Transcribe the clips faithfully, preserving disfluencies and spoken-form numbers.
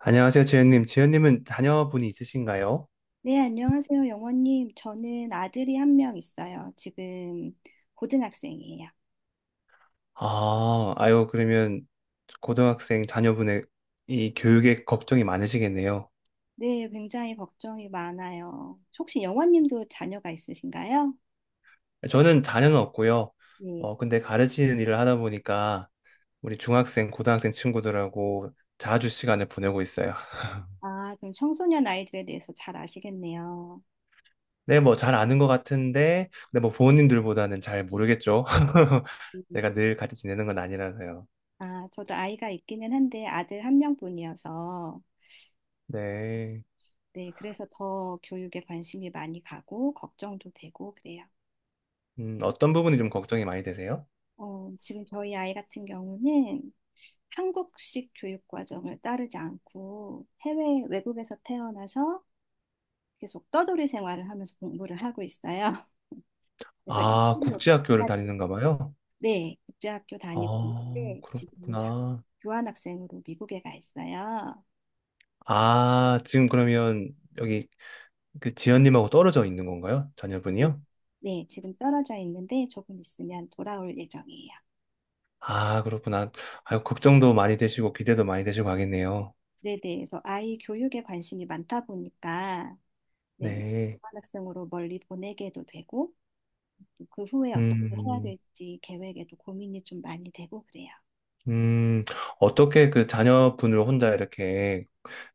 안녕하세요, 재현님. 재현님은 자녀분이 있으신가요? 네, 안녕하세요, 영원님. 저는 아들이 한 명 있어요. 지금 고등학생이에요. 아, 아유, 그러면 고등학생 자녀분의 이 교육에 걱정이 많으시겠네요. 네, 굉장히 걱정이 많아요. 혹시 영원님도 자녀가 있으신가요? 저는 자녀는 없고요. 네. 어, 근데 가르치는 일을 하다 보니까 우리 중학생, 고등학생 친구들하고 자주 시간을 보내고 있어요. 아, 그럼 청소년 아이들에 대해서 잘 아시겠네요. 네, 뭐 잘 아는 것 같은데, 근데 뭐 부모님들보다는 잘 모르겠죠. 음, 제가 늘 같이 지내는 건 아니라서요. 아, 저도 아이가 있기는 한데 아들 한 명뿐이어서 네. 네, 그래서 더 교육에 관심이 많이 가고 걱정도 되고 그래요. 음, 어떤 부분이 좀 걱정이 많이 되세요? 어, 지금 저희 아이 같은 경우는 한국식 교육 과정을 따르지 않고 해외 외국에서 태어나서 계속 떠돌이 생활을 하면서 공부를 하고 있어요. 그래서 아, 이틀로 국제학교를 다니는가 봐요. 네, 국제학교 다니고 어, 있는데 지금은 자- 그렇구나. 교환학생으로 미국에 가 있어요. 아, 지금 그러면 여기 그 지연님하고 떨어져 있는 건가요? 네, 자녀분이요? 네, 지금 떨어져 있는데 조금 있으면 돌아올 예정이에요. 아, 그렇구나. 아유, 걱정도 많이 되시고 기대도 많이 되시고 하겠네요. 네, 네. 그래서 아이 교육에 관심이 많다 보니까 네, 네. 교환학생으로 멀리 보내게도 되고 그 후에 어떻게 해야 음. 될지 계획에도 고민이 좀 많이 되고 그래요. 음. 어떻게 그 자녀분을 혼자 이렇게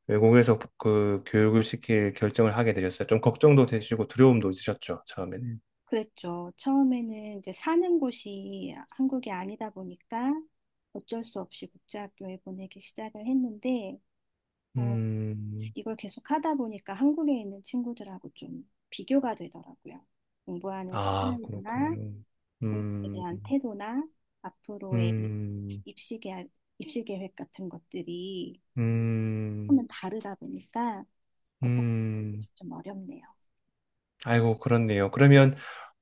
외국에서 그 교육을 시킬 결정을 하게 되셨어요? 좀 걱정도 되시고 두려움도 있으셨죠, 처음에는. 그랬죠. 처음에는 이제 사는 곳이 한국이 아니다 보니까 어쩔 수 없이 국제학교에 보내기 시작을 했는데, 어, 음. 이걸 계속 하다 보니까 한국에 있는 친구들하고 좀 비교가 되더라고요. 공부하는 아, 스타일이나 그렇군요. 공부에 음. 대한 태도나 앞으로의 이- 음. 입시 계획, 입시 계획 같은 것들이 음. 조금은 다르다 보니까 어떻게 음. 좀 어렵네요. 아이고, 그렇네요. 그러면,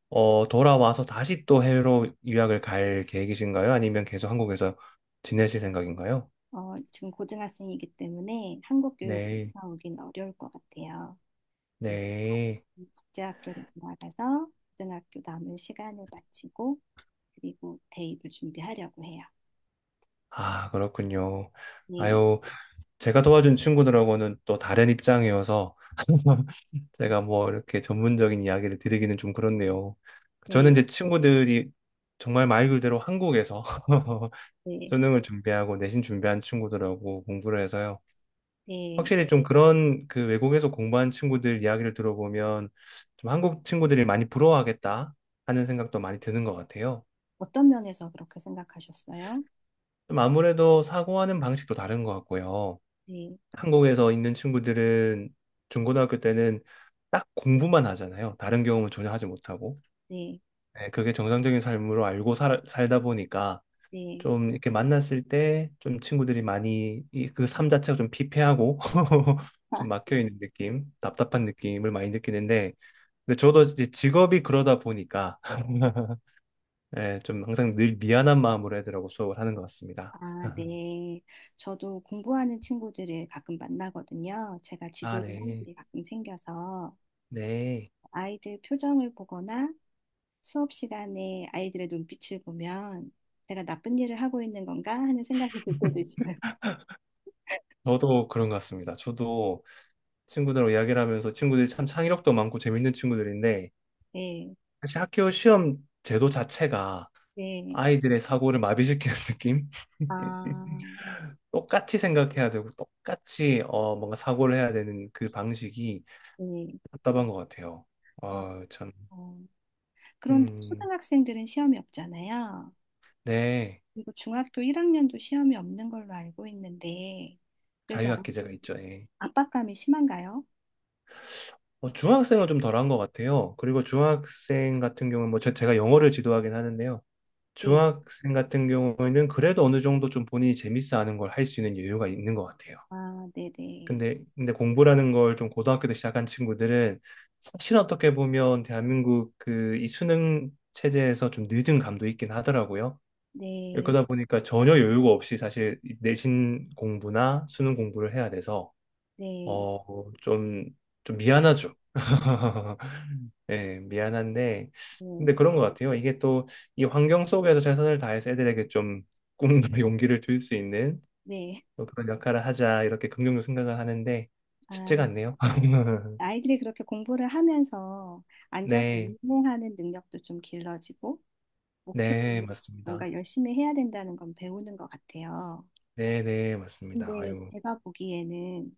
어, 돌아와서 다시 또 해외로 유학을 갈 계획이신가요? 아니면 계속 한국에서 지내실 생각인가요? 어, 지금 고등학생이기 때문에 한국 교육을 네, 나오긴 어려울 것 같아요. 그래서 네. 국제학교로 돌아가서 고등학교 남은 시간을 마치고 그리고 대입을 준비하려고 해요. 아, 그렇군요. 네, 아유, 제가 도와준 친구들하고는 또 다른 입장이어서 제가 뭐 이렇게 전문적인 이야기를 드리기는 좀 그렇네요. 저는 네, 이제 친구들이 정말 말 그대로 한국에서 네, 수능을 준비하고 내신 준비한 친구들하고 공부를 해서요. 네. 확실히 좀 그런 그 외국에서 공부한 친구들 이야기를 들어보면 좀 한국 친구들이 많이 부러워하겠다 하는 생각도 많이 드는 것 같아요. 어떤 면에서 그렇게 생각하셨어요? 좀 아무래도 사고하는 방식도 다른 것 같고요. 네, 한국에서 있는 친구들은 중고등학교 때는 딱 공부만 하잖아요. 다른 경험을 전혀 하지 못하고. 네, 네, 그게 정상적인 삶으로 알고 살, 살다 보니까 네. 좀 이렇게 만났을 때 좀 친구들이 많이 이 그 삶 자체가 좀 피폐하고 좀 막혀 있는 느낌, 답답한 느낌을 많이 느끼는데 근데 저도 이제 직업이 그러다 보니까 예, 좀 항상 늘 미안한 마음으로 애들하고 수업을 하는 것 같습니다. 아, 네. 저도 공부하는 친구들을 가끔 만나거든요. 제가 아, 지도를 하는 네. 일이 가끔 생겨서 네. 아이들 표정을 보거나 수업 시간에 아이들의 눈빛을 보면 제가 나쁜 일을 하고 있는 건가 하는 생각이 들 때도 있어요. 저도 그런 것 같습니다. 저도 친구들하고 이야기를 하면서 친구들이 참 창의력도 많고 재밌는 친구들인데 네, 사실 학교 시험 제도 자체가 네. 아이들의 사고를 마비시키는 느낌? 아, 똑같이 생각해야 되고 똑같이 어, 뭔가 사고를 해야 되는 그 방식이 네. 답답한 것 같아요. 아, 어, 참. 어. 그런데 음. 초등학생들은 시험이 없잖아요. 네. 그리고 중학교 일 학년도 시험이 없는 걸로 알고 있는데, 그래도 아 자유학기제가 있죠. 예. 압박감이 심한가요? 어, 중학생은 좀 덜한 것 같아요. 그리고 중학생 같은 경우는 뭐 제, 제가 영어를 지도하긴 하는데요. 네. 중학생 같은 경우에는 그래도 어느 정도 좀 본인이 재밌어 하는 걸 할 수 있는 여유가 있는 것 같아요. 아, 네네. 근데 근데 공부라는 걸 좀 고등학교 때 시작한 친구들은 사실 어떻게 보면 대한민국 그 이 수능 체제에서 좀 늦은 감도 있긴 하더라고요. 네, 그러다 보니까 전혀 여유가 없이 사실 내신 공부나 수능 공부를 해야 돼서 네, 어, 좀, 좀 미안하죠. 예, 미안한데, 근데 네, 그런 것 같아요. 이게 또 이 환경 속에서 최선을 다해서 애들에게 좀 꿈과 용기를 줄 수 있는 네. 또 그런 역할을 하자, 이렇게 긍정적으로 생각을 하는데, 쉽지가 아, 않네요. 아이들이 그렇게 공부를 하면서 앉아서 네, 인내하는 능력도 좀 길러지고, 목표 네, 를 맞습니다. 뭔가 열심히 해야 된다는 건 배우는 것 같아요. 네, 네, 맞습니다. 근데 아유, 제가 보기에는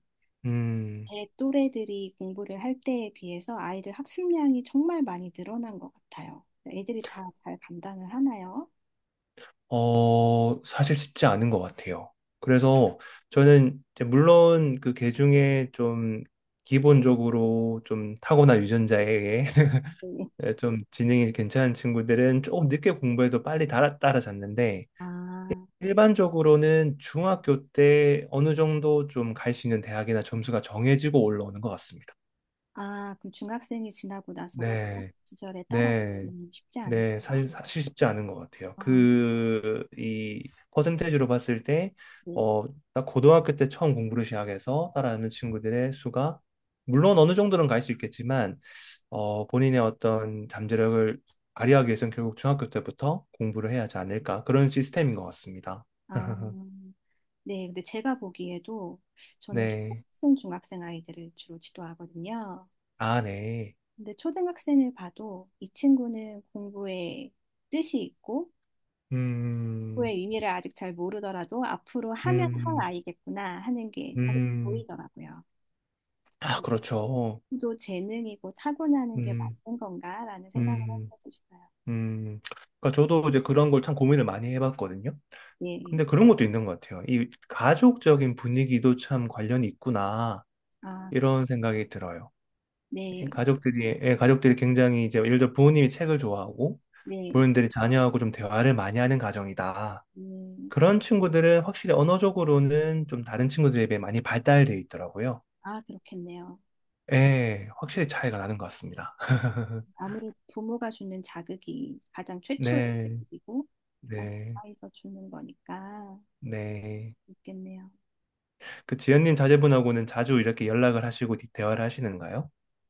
음. 제 또래들이 공부를 할 때에 비해서 아이들 학습량이 정말 많이 늘어난 것 같아요. 애들이 다 잘 감당을 하나요? 어, 사실 쉽지 않은 것 같아요. 그래서 저는 이제 물론 그 계중에 좀 기본적으로 좀 타고난 유전자에 의해 네. 좀 지능이 괜찮은 친구들은 조금 늦게 공부해도 빨리 따라, 따라잡는데 아, 일반적으로는 중학교 때 어느 정도 좀 갈 수 있는 대학이나 점수가 정해지고 올라오는 것 같습니다. 아, 그럼 중학생이 지나고 나서 고등학교 네, 시절에 네. 따라가기는 쉽지 네, 않을까요? 사실, 사실 쉽지 않은 것 같아요. 아, 그, 이, 퍼센테이지로 봤을 때, 네. 어, 딱 고등학교 때 처음 공부를 시작해서 따라하는 친구들의 수가, 물론 어느 정도는 갈 수 있겠지만, 어, 본인의 어떤 잠재력을 발휘하기 위해서는 결국 중학교 때부터 공부를 해야 하지 않을까. 그런 시스템인 것 같습니다. 아, 네. 근데 제가 보기에도 저는 네. 초등학생, 중학생 아이들을 주로 지도하거든요. 아, 네. 근데 초등학생을 봐도 이 친구는 공부에 뜻이 있고 음. 공부의 의미를 아직 잘 모르더라도 앞으로 하면 할 음. 아이겠구나 하는 게 사실 음. 보이더라고요. 아, 그렇죠. 또 재능이고 타고나는 게 음. 맞는 건가라는 생각을 한 음. 적도 있어요. 음, 그러니까 저도 이제 그런 걸 참 고민을 많이 해봤거든요. 네, 근데 그런 것도 있는 것 같아요. 이 가족적인 분위기도 참 관련이 있구나 아, 그- 이런 생각이 들어요. 이 네, 가족들이 예, 가족들이 굉장히 이제 예를 들어 부모님이 책을 좋아하고 네, 부모님들이 자녀하고 좀 대화를 많이 하는 가정이다. 음, 그런 친구들은 확실히 언어적으로는 좀 다른 친구들에 비해 많이 발달돼 있더라고요. 아, 그렇겠네요. 예, 음, 확실히 차이가 나는 것 같습니다. 아무래도 부모가 주는 자극이 가장 최초의 네, 자극이고 가장 네, 가까이서 주는 거니까 네. 있겠네요. 그 지연님 자제분하고는 자주 이렇게 연락을 하시고 대화를 하시는가요?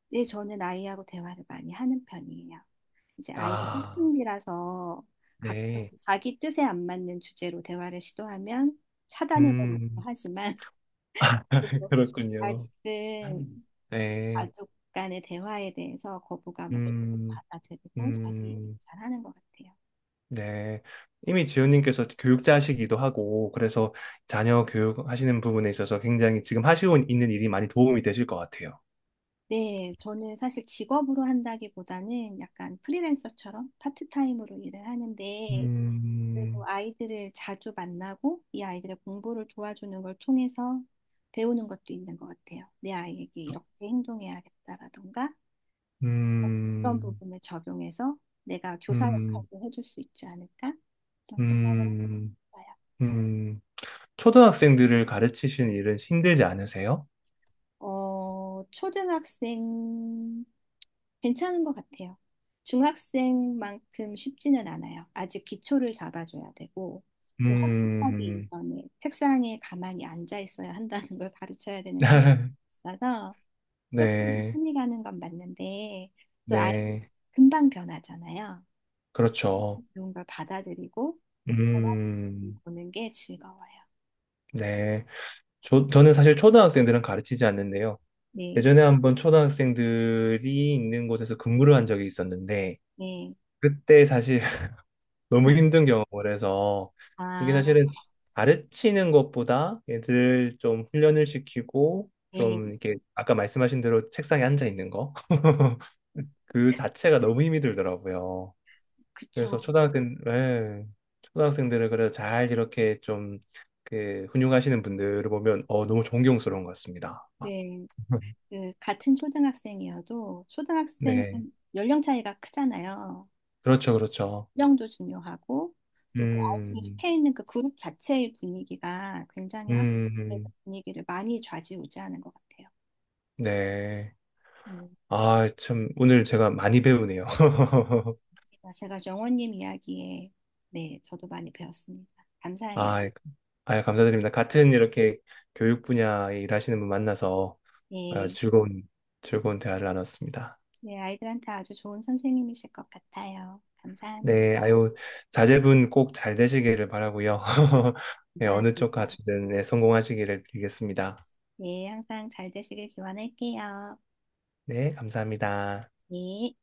네, 저는 아이하고 대화를 많이 하는 편이에요. 이제 아이가 아, 사춘기라서 가끔 네. 자기 뜻에 안 맞는 주제로 대화를 시도하면 차단해 버리기도 음, 하지만 그래도 그렇군요. 아직은 네. 가족 간의 대화에 대해서 거부감 없이 음. 받아들이고 자기 얘기를 음. 잘 하는 것 같아요. 네. 이미 지연님께서 교육자시기도 하고, 그래서 자녀 교육하시는 부분에 있어서 굉장히 지금 하시고 있는 일이 많이 도움이 되실 것 같아요. 네, 저는 사실 직업으로 한다기보다는 약간 프리랜서처럼 파트타임으로 일을 하는데 그리 음. 고 아이들을 자주 만나고 이 아이들의 공부를 도와주는 걸 통해서 배우는 것도 있는 것 같아요. 내 아이에게 이렇게 행동해야겠다라던가 그런 음. 부분을 적용해서 내가 교사 음. 역할도 해줄 수 있지 않을까? 그런 생각을 음. 했어요. 음. 초등학생들을 가르치시는 일은 힘들지 않으세요? 어, 초등학생 괜찮은 것 같아요. 중학생만큼 쉽지는 않아요. 아직 기초를 잡아줘야 되고, 또 학습하기 음. 이전에 책상에 가만히 앉아 있어야 한다는 걸 가르쳐야 되는 친구가 있어서 조금 뭐 네, 손이 가는 건 맞는데, 또 아이 네, 금방 변하잖아요. 그렇죠. 그런 걸 받아들이고, 변화를 음. 보는 게 즐거워요. 네. 저, 저는 사실 초등학생들은 가르치지 않는데요. 네, 예전에 한번 초등학생들이 있는 곳에서 근무를 한 적이 있었는데, 네. 그때 사실 너무 힘든 경험을 해서, 이게 아, 사실은 가르치는 것보다 얘들 좀 훈련을 시키고, 네. 좀 이렇게 아까 말씀하신 대로 책상에 앉아 있는 거, 그 자체가 너무 힘이 들더라고요. 그쵸. 그래서 초등학생, 예, 초등학생들을 그래 잘 이렇게 좀, 그, 훈육하시는 분들을 보면, 어, 너무 존경스러운 것 같습니다. 네. 그 같은 초등학생이어도 초등학생은 네. 연령 차이가 크잖아요. 그렇죠, 그렇죠. 연령도 중요하고 또 그 아이들이 음. 속해 있는 그 그룹 자체의 분위기가 굉장히 학생의 음. 분위기를 많이 좌지우지하는 것 같아요. 네. 음, 아, 참, 오늘 제가 많이 배우네요. 제가 정원님 이야기에 네, 저도 많이 배웠습니다. 감사해요. 아, 아, 감사드립니다. 같은 이렇게 교육 분야에 일하시는 분 만나서 아, 네, 즐거운, 즐거운 대화를 나눴습니다. 네, 아이들한테 아주 좋은 선생님이실 것 같아요. 네, 감사합니다. 아유, 자제분 꼭 잘 되시기를 바라고요. 네, 어느 쪽 감사합니다. 가시든 네, 성공하시기를 빌겠습니다. 네, 항상 잘 되시길 기원할게요. 네, 감사합니다. 네.